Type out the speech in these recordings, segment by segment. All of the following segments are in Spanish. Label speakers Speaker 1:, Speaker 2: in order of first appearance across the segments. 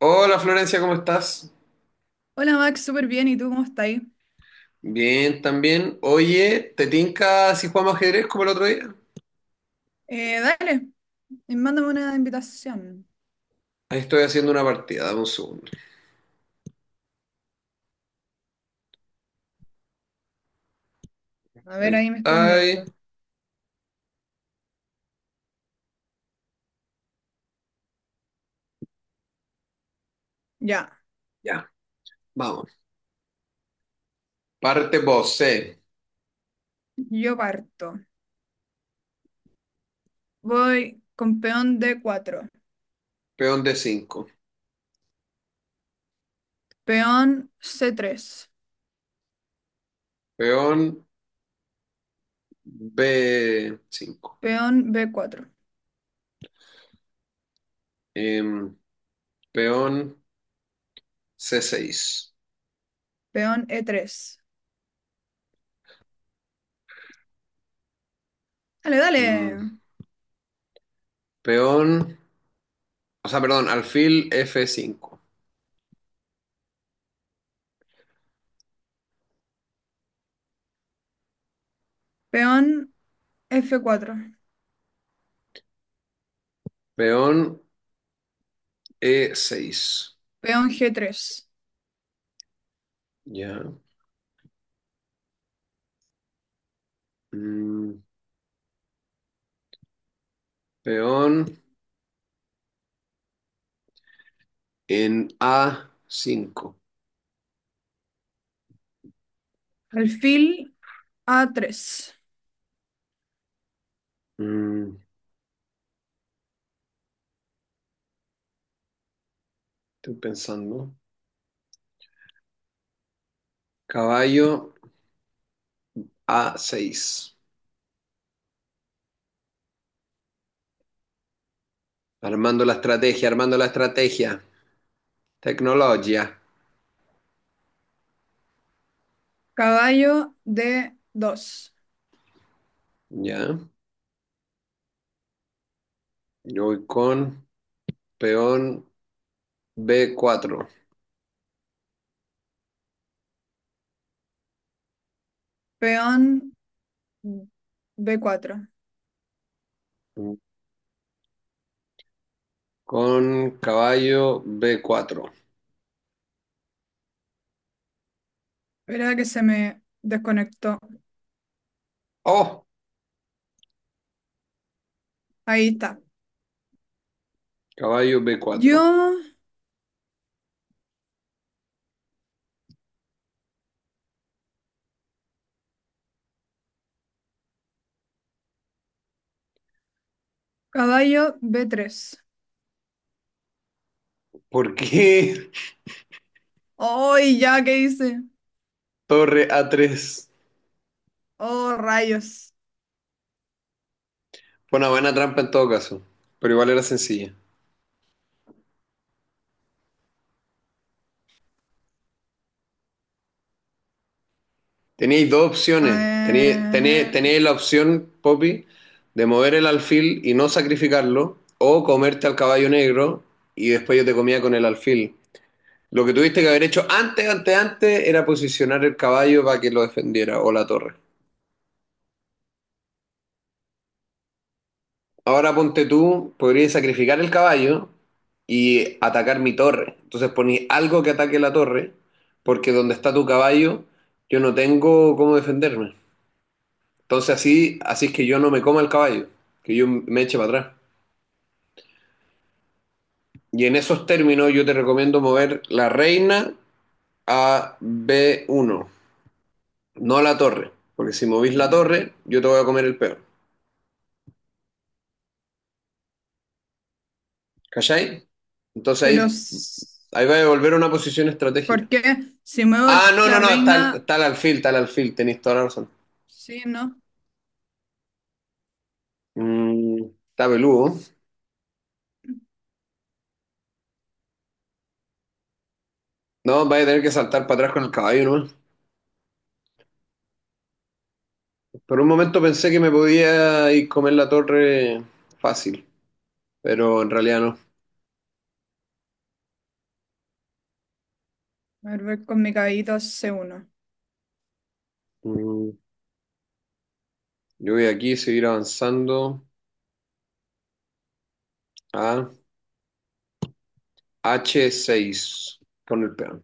Speaker 1: Hola Florencia, ¿cómo estás?
Speaker 2: Hola Max, súper bien. ¿Y tú cómo estás ahí?
Speaker 1: Bien, también. Oye, ¿te tinca si jugamos ajedrez como el otro día?
Speaker 2: Dale, y mándame una invitación.
Speaker 1: Ahí estoy haciendo una partida, dame un segundo.
Speaker 2: A
Speaker 1: Ahí
Speaker 2: ver,
Speaker 1: está.
Speaker 2: ahí me estoy
Speaker 1: Ahí.
Speaker 2: uniendo. Ya,
Speaker 1: Ya, vamos. Parte vos, C.
Speaker 2: yo parto. Voy con peón d cuatro,
Speaker 1: Peón d cinco.
Speaker 2: peón c tres,
Speaker 1: Peón b cinco.
Speaker 2: peón b cuatro,
Speaker 1: Em, peón c seis.
Speaker 2: peón e tres. Dale, dale.
Speaker 1: Mm, peón, o sea, perdón, alfil f cinco.
Speaker 2: Peón f cuatro,
Speaker 1: Peón e seis.
Speaker 2: peón g tres,
Speaker 1: Ya. Mm, Peón en a cinco.
Speaker 2: alfil a tres,
Speaker 1: Mm, Estoy pensando. Caballo A6. Armando la estrategia, armando la estrategia. Tecnología.
Speaker 2: caballo d dos,
Speaker 1: Ya. Yo voy con peón B4.
Speaker 2: peón b cuatro.
Speaker 1: Con caballo B4.
Speaker 2: Espera que se me desconectó.
Speaker 1: ¡Oh!
Speaker 2: Ahí está.
Speaker 1: Caballo
Speaker 2: Yo,
Speaker 1: B4.
Speaker 2: caballo b tres.
Speaker 1: ¿Por qué
Speaker 2: ¡Ay, ya! ¿Qué hice?
Speaker 1: torre A3?
Speaker 2: ¡Oh, rayos!
Speaker 1: Fue una buena trampa en todo caso, pero igual era sencilla. Tenéis dos opciones. Tenéis, tenéis-
Speaker 2: Eh,
Speaker 1: tenéis la opción, Poppy, de mover el alfil y no sacrificarlo, o comerte al caballo negro y después yo te comía con el alfil. Lo que tuviste que haber hecho antes, antes, antes, era posicionar el caballo para que lo defendiera o la torre. Ahora ponte tú, podrías sacrificar el caballo y atacar mi torre. Entonces poní algo que ataque la torre, porque donde está tu caballo, yo no tengo cómo defenderme. Entonces así, así es que yo no me coma el caballo, que yo me eche para atrás. Y en esos términos yo te recomiendo mover la reina a b uno, no la torre, porque si movís la torre, yo te voy a comer el peón. ¿Cachai? Entonces
Speaker 2: pero,
Speaker 1: ahí, ahí va a volver a una posición estratégica.
Speaker 2: ¿por qué? Si muevo
Speaker 1: Ah, no,
Speaker 2: la
Speaker 1: no, no, está,
Speaker 2: reina,
Speaker 1: está el alfil, tenéis toda la razón.
Speaker 2: sí, ¿no?
Speaker 1: Mm, Está peludo. No, vais a tener que saltar para atrás con el caballo, ¿no? Por un momento pensé que me podía ir comer la torre fácil, pero en realidad no.
Speaker 2: A ver, voy con mi caballito a c uno.
Speaker 1: Mm, Yo voy aquí a seguir avanzando a H6 con el peón.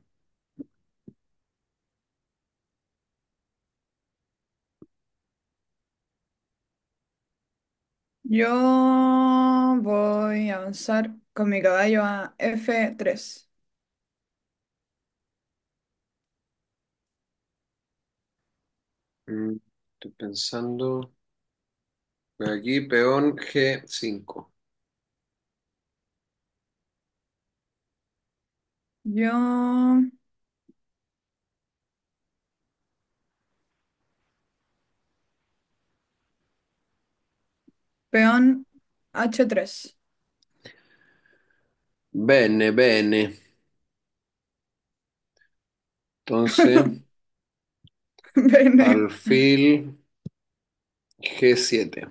Speaker 2: Yo voy a avanzar con mi caballo a f tres.
Speaker 1: Mm, Estoy pensando. Voy aquí, peón G5.
Speaker 2: Yo, peón h tres.
Speaker 1: Bene, bene. Entonces,
Speaker 2: Bene.
Speaker 1: alfil G7.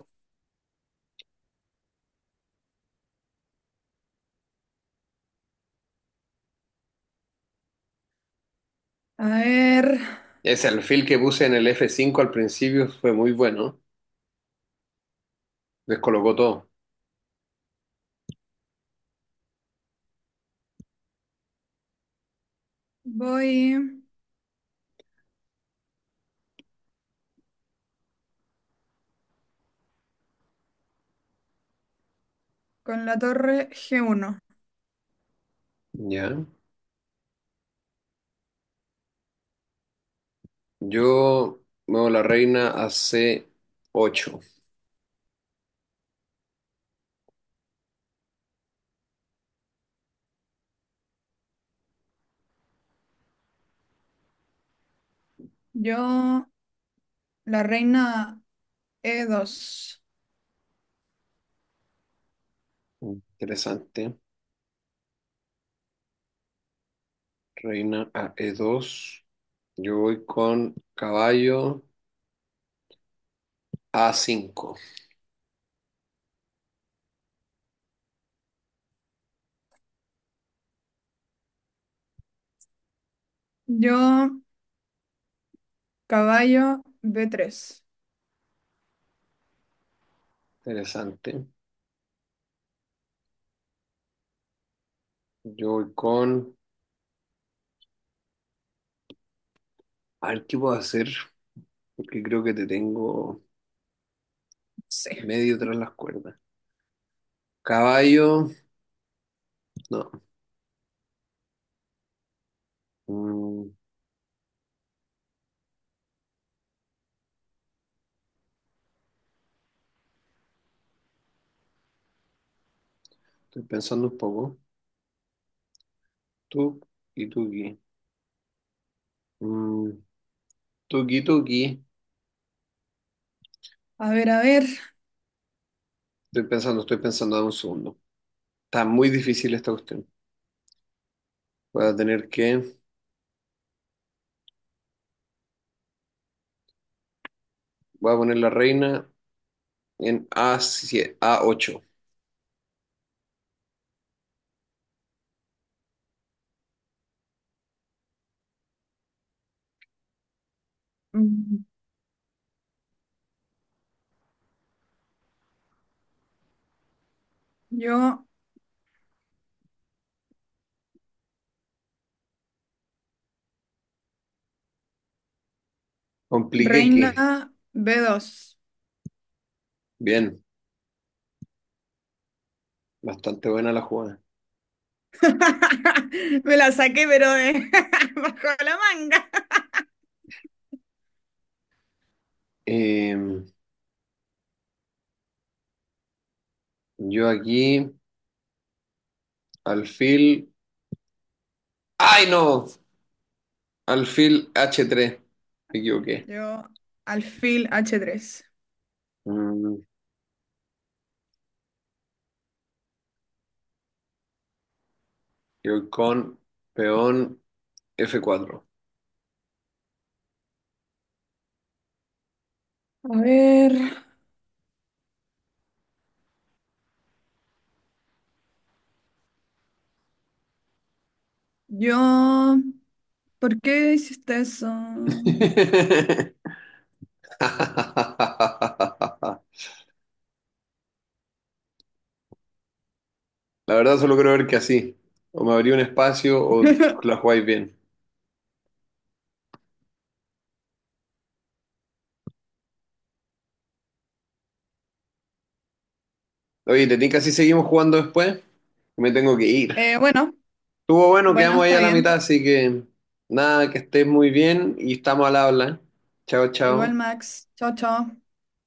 Speaker 2: A ver,
Speaker 1: Ese alfil que puse en el F5 al principio fue muy bueno. Descolocó todo.
Speaker 2: voy con la torre g uno.
Speaker 1: Ya. Yo muevo la reina a C8.
Speaker 2: Yo, la reina e dos.
Speaker 1: Interesante. Reina a E2. Yo voy con caballo a cinco.
Speaker 2: Yo, caballo b tres.
Speaker 1: Interesante. Yo voy con... A ver qué puedo hacer, porque creo que te tengo
Speaker 2: Sí.
Speaker 1: medio tras las cuerdas. Caballo... No. Mm, Estoy pensando un poco. Tú y tuki. Mm, Tuki, tuki.
Speaker 2: A ver, a ver.
Speaker 1: Estoy pensando, dame un segundo. Está muy difícil esta cuestión. Voy a tener que... Voy a poner la reina en a siete, a ocho.
Speaker 2: Mm, Yo,
Speaker 1: Compliqué
Speaker 2: reina
Speaker 1: que.
Speaker 2: b dos.
Speaker 1: Bien, bastante buena la jugada.
Speaker 2: Me la saqué, pero de bajo la manga.
Speaker 1: Em, yo aquí, alfil. ¡Ay, no! Alfil H3. Me equivoqué.
Speaker 2: Yo, alfil h tres.
Speaker 1: Mm, yo con peón F4.
Speaker 2: A ver, yo... ¿Por qué hiciste eso?
Speaker 1: La verdad, solo creo ver que así. O me abrí un espacio o la jugáis bien. Oye, ¿te tinca si seguimos jugando después? Me tengo que ir.
Speaker 2: Bueno,
Speaker 1: Estuvo bueno,
Speaker 2: bueno,
Speaker 1: quedamos ahí
Speaker 2: está
Speaker 1: a la mitad,
Speaker 2: bien.
Speaker 1: así que nada, que estés muy bien y estamos al habla. Chao,
Speaker 2: Igual,
Speaker 1: chao.
Speaker 2: Max. Chao, chao.